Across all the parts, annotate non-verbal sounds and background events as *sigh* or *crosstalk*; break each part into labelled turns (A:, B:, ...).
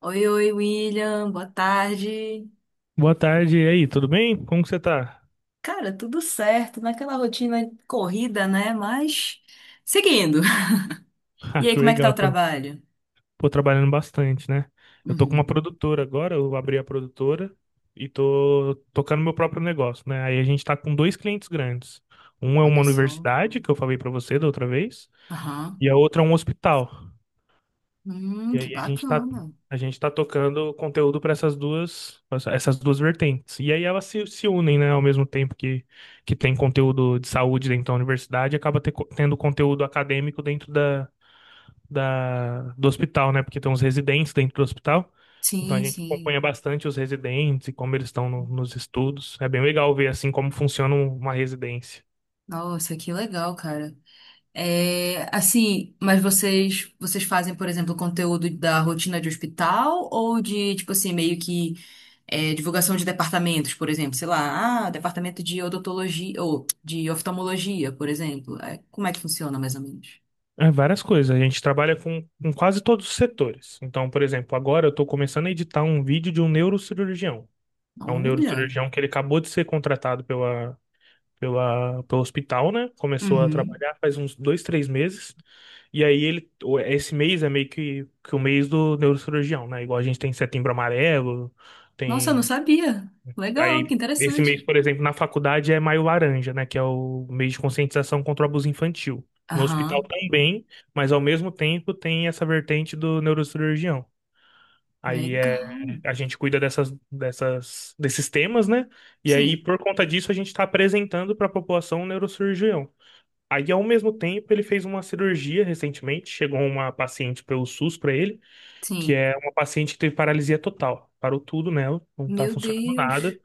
A: Oi, oi, William, boa tarde.
B: Boa tarde, e aí, tudo bem? Como que você tá?
A: Cara, tudo certo, naquela rotina corrida, né? Mas seguindo. *laughs*
B: *laughs*
A: E
B: Ah,
A: aí,
B: que
A: como é que tá o
B: legal, tá,
A: trabalho?
B: pô, trabalhando bastante, né? Eu tô com uma
A: Uhum,
B: produtora agora, eu abri a produtora e tô tocando meu próprio negócio, né? Aí a gente tá com dois clientes grandes. Um é uma
A: olha só.
B: universidade, que eu falei pra você da outra vez,
A: Aham.
B: e a outra é um hospital. E
A: Que
B: aí a gente tá,
A: bacana.
B: a gente tá tocando conteúdo para essas duas vertentes. E aí elas se unem, né, ao mesmo tempo que tem conteúdo de saúde dentro da universidade, acaba ter tendo conteúdo acadêmico dentro do hospital, né? Porque tem uns residentes dentro do hospital. Então a
A: Sim,
B: gente
A: sim.
B: acompanha bastante os residentes e como eles estão nos estudos. É bem legal ver assim como funciona uma residência.
A: Nossa, que legal, cara. É, assim, mas vocês fazem, por exemplo, conteúdo da rotina de hospital ou de, tipo assim, meio que é, divulgação de departamentos, por exemplo, sei lá, ah, departamento de odontologia ou de oftalmologia, por exemplo. É, como é que funciona mais ou menos?
B: É várias coisas. A gente trabalha com quase todos os setores. Então, por exemplo, agora eu estou começando a editar um vídeo de um neurocirurgião. É um
A: Olha.
B: neurocirurgião que ele acabou de ser contratado pelo hospital, né? Começou a
A: Uhum.
B: trabalhar faz uns 2, 3 meses. E aí esse mês é meio que o mês do neurocirurgião, né? Igual a gente tem setembro amarelo,
A: Nossa, eu não
B: tem.
A: sabia. Legal, que
B: Aí esse mês,
A: interessante.
B: por exemplo, na faculdade é maio laranja, né? Que é o mês de conscientização contra o abuso infantil. No hospital
A: Aham,
B: também, mas ao mesmo tempo tem essa vertente do neurocirurgião. Aí,
A: legal.
B: a gente cuida desses temas, né? E aí,
A: Sim,
B: por conta disso, a gente está apresentando para a população um neurocirurgião. Aí, ao mesmo tempo, ele fez uma cirurgia recentemente. Chegou uma paciente pelo SUS para ele, que
A: sim.
B: é uma paciente que teve paralisia total. Parou tudo nela, não tá
A: Meu
B: funcionando nada,
A: Deus.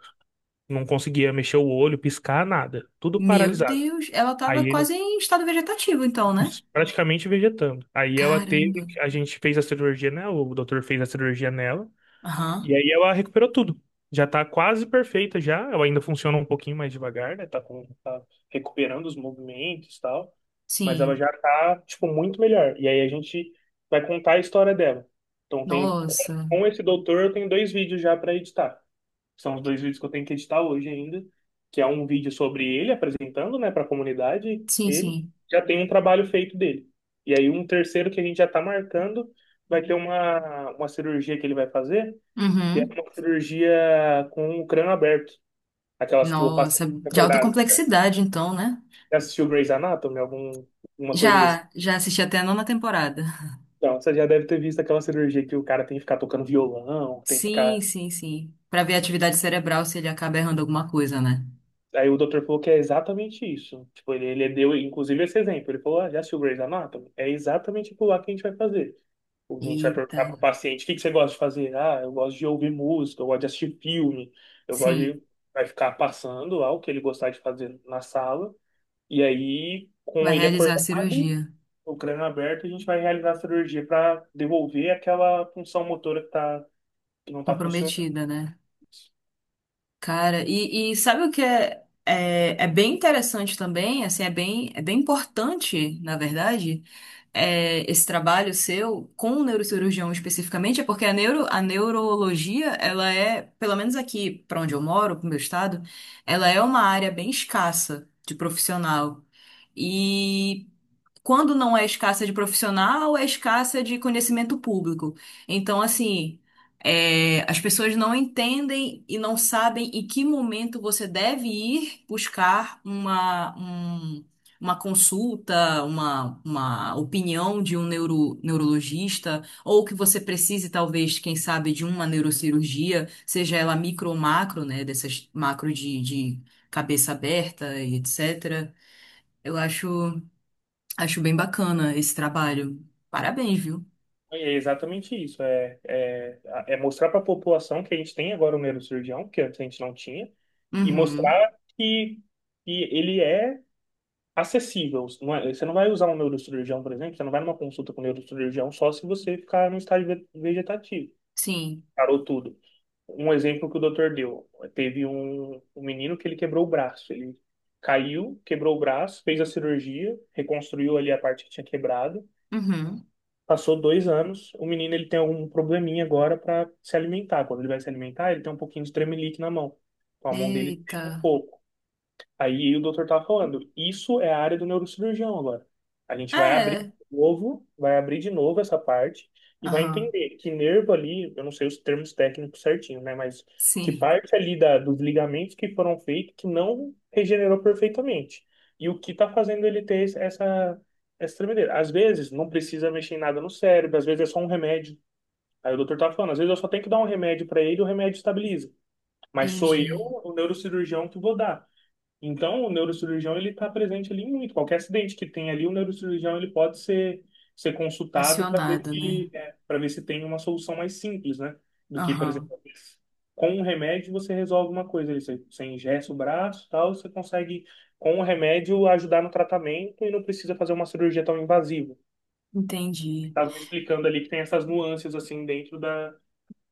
B: não conseguia mexer o olho, piscar, nada. Tudo
A: Meu
B: paralisado.
A: Deus, ela tava
B: Aí ele,
A: quase em estado vegetativo, então, né?
B: isso, praticamente vegetando.
A: Caramba.
B: A gente fez a cirurgia nela, o doutor fez a cirurgia nela.
A: Aham.
B: E aí ela recuperou tudo. Já tá quase perfeita já. Ela ainda funciona um pouquinho mais devagar, né? Tá recuperando os movimentos e tal. Mas ela
A: Sim.
B: já tá, tipo, muito melhor. E aí a gente vai contar a história dela. Então tem,
A: Nossa.
B: com esse doutor eu tenho dois vídeos já para editar. São os dois vídeos que eu tenho que editar hoje ainda. Que é um vídeo sobre ele apresentando, né, para a comunidade.
A: Sim,
B: Ele
A: sim.
B: já tem um trabalho feito dele. E aí um terceiro que a gente já tá marcando vai ter uma cirurgia que ele vai fazer que é
A: Uhum.
B: uma cirurgia com o crânio aberto, aquelas que o paciente
A: Nossa,
B: fica
A: de alta
B: acordado.
A: complexidade, então, né?
B: Já assistiu Grey's Anatomy, alguma coisa desse?
A: Já, já assisti até a nona temporada.
B: Então, você já deve ter visto aquela cirurgia que o cara tem que ficar tocando violão, tem que
A: Sim,
B: ficar.
A: sim, sim. Pra ver a atividade cerebral se ele acaba errando alguma coisa, né?
B: Aí o doutor falou que é exatamente isso. Tipo, ele deu, inclusive, esse exemplo. Ele falou, ah, já assistiu Grey's Anatomy? É exatamente tipo lá que a gente vai fazer. A gente vai
A: Eita.
B: perguntar pro paciente, o que que você gosta de fazer? Ah, eu gosto de ouvir música, eu gosto de assistir filme, eu gosto
A: Sim.
B: de... Vai ficar passando lá o que ele gostar de fazer na sala. E aí,
A: Vai
B: com ele
A: realizar a
B: acordado,
A: cirurgia.
B: o crânio aberto, a gente vai realizar a cirurgia para devolver aquela função motora tá, que não está funcionando.
A: Comprometida, né? Cara, e sabe o que é, é, é bem interessante também? Assim, é bem importante, na verdade. É, esse trabalho seu com o neurocirurgião especificamente, é porque a neuro, a neurologia, ela é, pelo menos aqui para onde eu moro, pro meu estado, ela é uma área bem escassa de profissional. E quando não é escassa de profissional, é escassa de conhecimento público. Então, assim, é, as pessoas não entendem e não sabem em que momento você deve ir buscar uma, um- uma consulta, uma opinião de um neuro, neurologista, ou que você precise, talvez, quem sabe, de uma neurocirurgia, seja ela micro ou macro, né, dessas macro de cabeça aberta e etc. Eu acho. Acho bem bacana esse trabalho. Parabéns, viu?
B: É exatamente isso. É mostrar para a população que a gente tem agora um neurocirurgião, que antes a gente não tinha, e
A: Uhum.
B: mostrar que ele é acessível. Você não vai usar um neurocirurgião, por exemplo, você não vai numa consulta com um neurocirurgião só se você ficar no estágio vegetativo.
A: Sim.
B: Parou tudo. Um exemplo que o doutor deu, teve um menino que ele quebrou o braço, ele caiu, quebrou o braço, fez a cirurgia, reconstruiu ali a parte que tinha quebrado,
A: Uhum.
B: passou 2 anos, o menino ele tem algum probleminha agora para se alimentar, quando ele vai se alimentar ele tem um pouquinho de tremelique na mão, então a mão dele
A: Eita.
B: fica um pouco. Aí o doutor tava falando, isso é a área do neurocirurgião agora. A gente vai abrir de
A: É.
B: novo, vai abrir de novo essa parte e vai
A: Aham.
B: entender que nervo ali, eu não sei os termos técnicos certinho, né? Mas que
A: Sim.
B: parte ali dos ligamentos que foram feitos que não regenerou perfeitamente. E o que está fazendo ele ter essa tremedeira. Às vezes não precisa mexer em nada no cérebro, às vezes é só um remédio. Aí o doutor tá falando, às vezes eu só tenho que dar um remédio para ele, e o remédio estabiliza. Mas sou eu,
A: Entendi.
B: o neurocirurgião, que vou dar. Então, o neurocirurgião ele está presente ali muito. Qualquer acidente que tem ali, o neurocirurgião ele pode ser consultado para
A: Acionada, né?
B: pra ver se tem uma solução mais simples, né? Do que, por exemplo,
A: Aham.
B: com um remédio você resolve uma coisa ali. Você engessa o braço e tal, você consegue, com o remédio, ajudar no tratamento e não precisa fazer uma cirurgia tão invasiva.
A: Entendi.
B: Estava me explicando ali que tem essas nuances assim dentro da,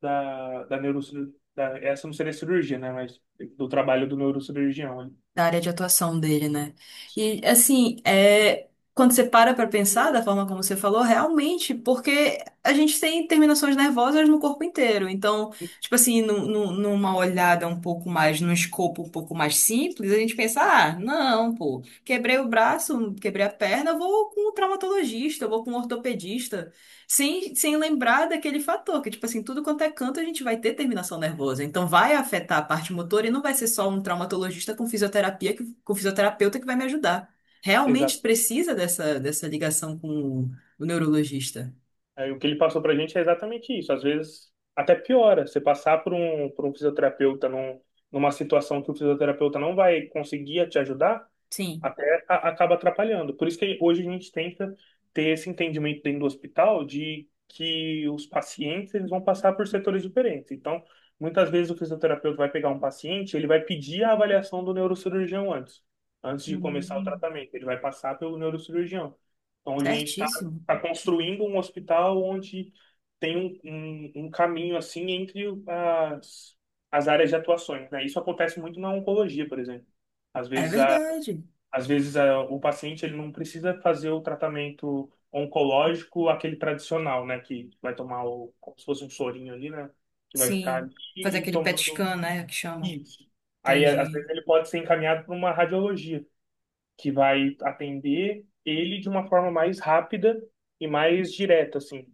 B: da, da neurocirurgia. Essa não seria cirurgia, né? Mas do trabalho do neurocirurgião, né?
A: Da área de atuação dele, né? E assim, é, quando você para para pensar da forma como você falou, realmente, porque a gente tem terminações nervosas no corpo inteiro. Então, tipo assim, num- num- numa olhada um pouco mais, num escopo um pouco mais simples, a gente pensa, ah, não, pô, quebrei o braço, quebrei a perna, eu vou com um traumatologista, eu vou com um ortopedista. Sem, sem lembrar daquele fator, que, tipo assim, tudo quanto é canto, a gente vai ter terminação nervosa. Então, vai afetar a parte motora e não vai ser só um traumatologista com fisioterapia, que, com fisioterapeuta que vai me ajudar. Realmente precisa dessa, dessa ligação com o neurologista.
B: Aí, o que ele passou pra gente é exatamente isso. Às vezes até piora. Você passar por um fisioterapeuta numa situação que o fisioterapeuta não vai conseguir te ajudar,
A: Sim.
B: acaba atrapalhando. Por isso que hoje a gente tenta ter esse entendimento dentro do hospital de que os pacientes eles vão passar por setores diferentes. Então, muitas vezes o fisioterapeuta vai pegar um paciente, ele vai pedir a avaliação do neurocirurgião antes de começar o
A: Hum.
B: tratamento. Ele vai passar pelo neurocirurgião. Então, hoje a gente está
A: Certíssimo.
B: construindo um hospital onde tem um caminho assim entre as áreas de atuações, né? Isso acontece muito na oncologia, por exemplo. Às
A: É
B: vezes a
A: verdade.
B: Às vezes, o paciente ele não precisa fazer o tratamento oncológico, aquele tradicional, né? Que vai tomar como se fosse um sorinho ali, né? Que vai ficar
A: Sim.
B: ali
A: Fazer
B: e
A: aquele PET
B: tomando
A: scan, né? Que chamam.
B: isso. Aí, às
A: Entendi.
B: vezes, ele pode ser encaminhado para uma radiologia, que vai atender ele de uma forma mais rápida e mais direta, assim.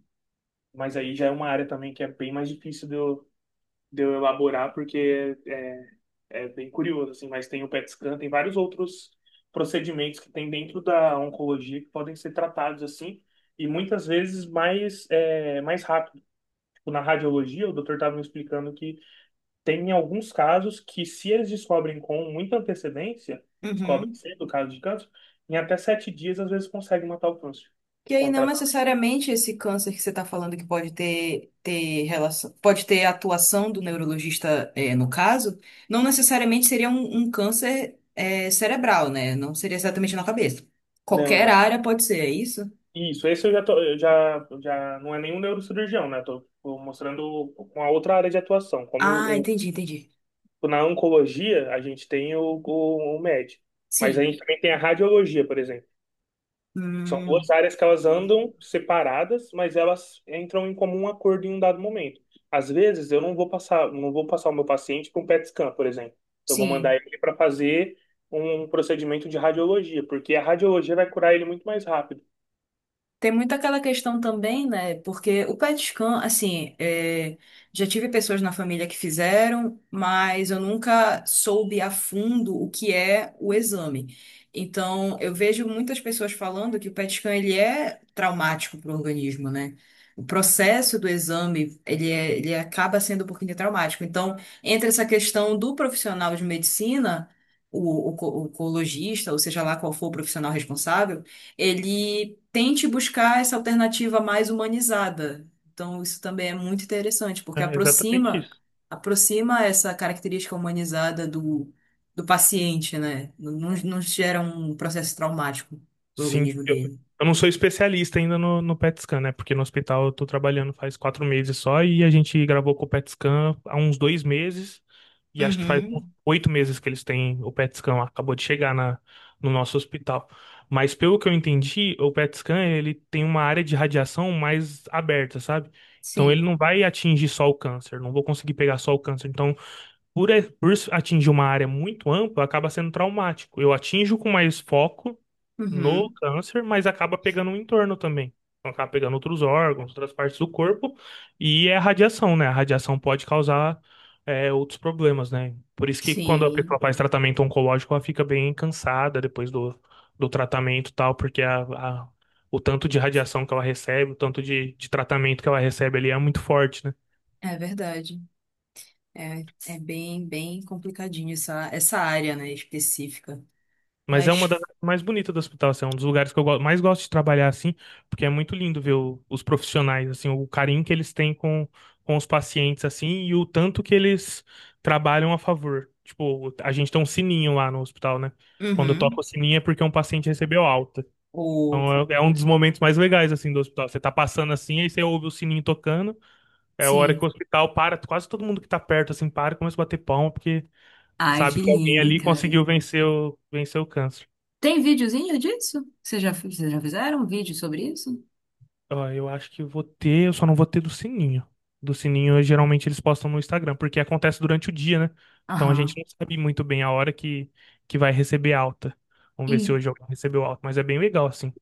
B: Mas aí já é uma área também que é bem mais difícil de eu elaborar, porque é bem curioso, assim, mas tem o PET scan, tem vários outros procedimentos que tem dentro da oncologia que podem ser tratados assim, e muitas vezes mais, mais rápido. Tipo, na radiologia, o doutor estava me explicando que tem alguns casos que, se eles descobrem com muita antecedência, descobrem
A: Uhum.
B: cedo o caso de câncer, em até 7 dias, às vezes, consegue matar o câncer
A: E aí,
B: com
A: não
B: tratamento.
A: necessariamente esse câncer que você está falando que pode ter, ter relação, pode ter atuação do neurologista, eh, no caso, não necessariamente seria um, um câncer, eh, cerebral, né? Não seria exatamente na cabeça.
B: Não,
A: Qualquer
B: não.
A: área pode ser, é isso?
B: Isso, esse eu já tô, eu já não é nenhum neurocirurgião, né? Tô mostrando uma outra área de atuação, como
A: Ah,
B: o.
A: entendi, entendi.
B: Na oncologia, a gente tem o médico, mas a
A: Sim.
B: gente também tem a radiologia, por exemplo. São duas
A: Hum,
B: áreas que elas andam separadas, mas elas entram em comum acordo em um dado momento. Às vezes, eu não vou passar o meu paciente para um PET scan, por exemplo. Eu vou
A: sim.
B: mandar ele para fazer um procedimento de radiologia, porque a radiologia vai curar ele muito mais rápido.
A: Tem muito aquela questão também, né? Porque o PET scan, assim, é, já tive pessoas na família que fizeram, mas eu nunca soube a fundo o que é o exame. Então, eu vejo muitas pessoas falando que o PET scan ele é traumático para o organismo, né? O processo do exame, ele, é- ele acaba sendo um pouquinho traumático. Então, entre essa questão do profissional de medicina, o, co- o oncologista, ou seja lá qual for o profissional responsável, ele tente buscar essa alternativa mais humanizada. Então, isso também é muito interessante, porque
B: É exatamente
A: aproxima
B: isso.
A: aproxima essa característica humanizada do, do paciente, né? Não, não não gera um processo traumático pro
B: Sim,
A: organismo
B: eu,
A: dele.
B: eu não sou especialista ainda no PET scan, né? Porque no hospital eu tô trabalhando faz 4 meses só e a gente gravou com o PET scan há uns 2 meses e acho que faz uns
A: Uhum,
B: 8 meses que eles têm o PET scan, acabou de chegar no nosso hospital. Mas pelo que eu entendi, o PET scan ele tem uma área de radiação mais aberta, sabe? Então ele
A: sim,
B: não vai atingir só o câncer, não vou conseguir pegar só o câncer. Então por atingir uma área muito ampla, acaba sendo traumático. Eu atinjo com mais foco no
A: uhum,
B: câncer, mas acaba pegando o entorno também. Então, acaba pegando outros órgãos, outras partes do corpo, e é a radiação, né? A radiação pode causar outros problemas, né? Por isso que quando a pessoa
A: sim,
B: faz tratamento oncológico, ela fica bem cansada depois do tratamento e tal, porque o tanto de radiação que ela recebe, o tanto de tratamento que ela recebe ali é muito forte, né?
A: é verdade. É, é bem, bem complicadinho essa, essa área, né, específica.
B: Mas é uma
A: Mas,
B: das áreas mais bonitas do hospital, assim, é um dos lugares que eu mais gosto de trabalhar, assim, porque é muito lindo ver os profissionais, assim, o carinho que eles têm com os pacientes, assim, e o tanto que eles trabalham a favor. Tipo, a gente tem um sininho lá no hospital, né? Quando toca
A: uhum,
B: o sininho é porque um paciente recebeu alta.
A: ou,
B: Então é um dos momentos mais legais, assim, do hospital. Você tá passando assim, aí você ouve o sininho tocando, é a hora que o
A: sim.
B: hospital para, quase todo mundo que tá perto, assim, para e começa a bater palma, porque
A: Ai, que
B: sabe que alguém
A: lindo,
B: ali
A: cara.
B: conseguiu vencer o câncer.
A: Tem videozinho disso? Vocês já fizeram um vídeo sobre isso?
B: Ó, eu acho que eu vou ter, eu só não vou ter do sininho. Do sininho, geralmente eles postam no Instagram, porque acontece durante o dia, né? Então a gente
A: Aham.
B: não sabe muito bem a hora que vai receber alta. Vamos ver se
A: Em-
B: hoje alguém recebeu alta, mas é bem legal, assim.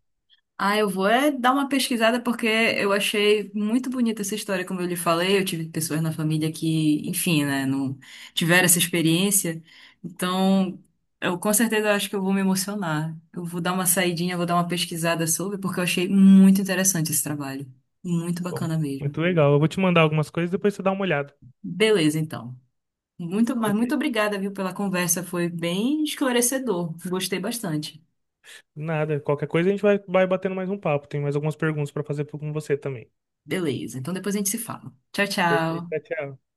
A: Ah, eu vou é dar uma pesquisada porque eu achei muito bonita essa história, como eu lhe falei. Eu tive pessoas na família que, enfim, né, não tiveram essa experiência. Então, eu com certeza acho que eu vou me emocionar. Eu vou dar uma saidinha, vou dar uma pesquisada sobre, porque eu achei muito interessante esse trabalho. Muito
B: Bom,
A: bacana mesmo.
B: muito legal. Eu vou te mandar algumas coisas, depois você dá uma olhada.
A: Beleza, então. Muito, mas muito
B: Perfeito.
A: obrigada, viu, pela conversa. Foi bem esclarecedor. Gostei bastante.
B: Nada, qualquer coisa a gente vai batendo mais um papo. Tem mais algumas perguntas para fazer com você também.
A: Beleza, então depois a gente se fala. Tchau,
B: Perfeito,
A: tchau.
B: tchau. Tchau.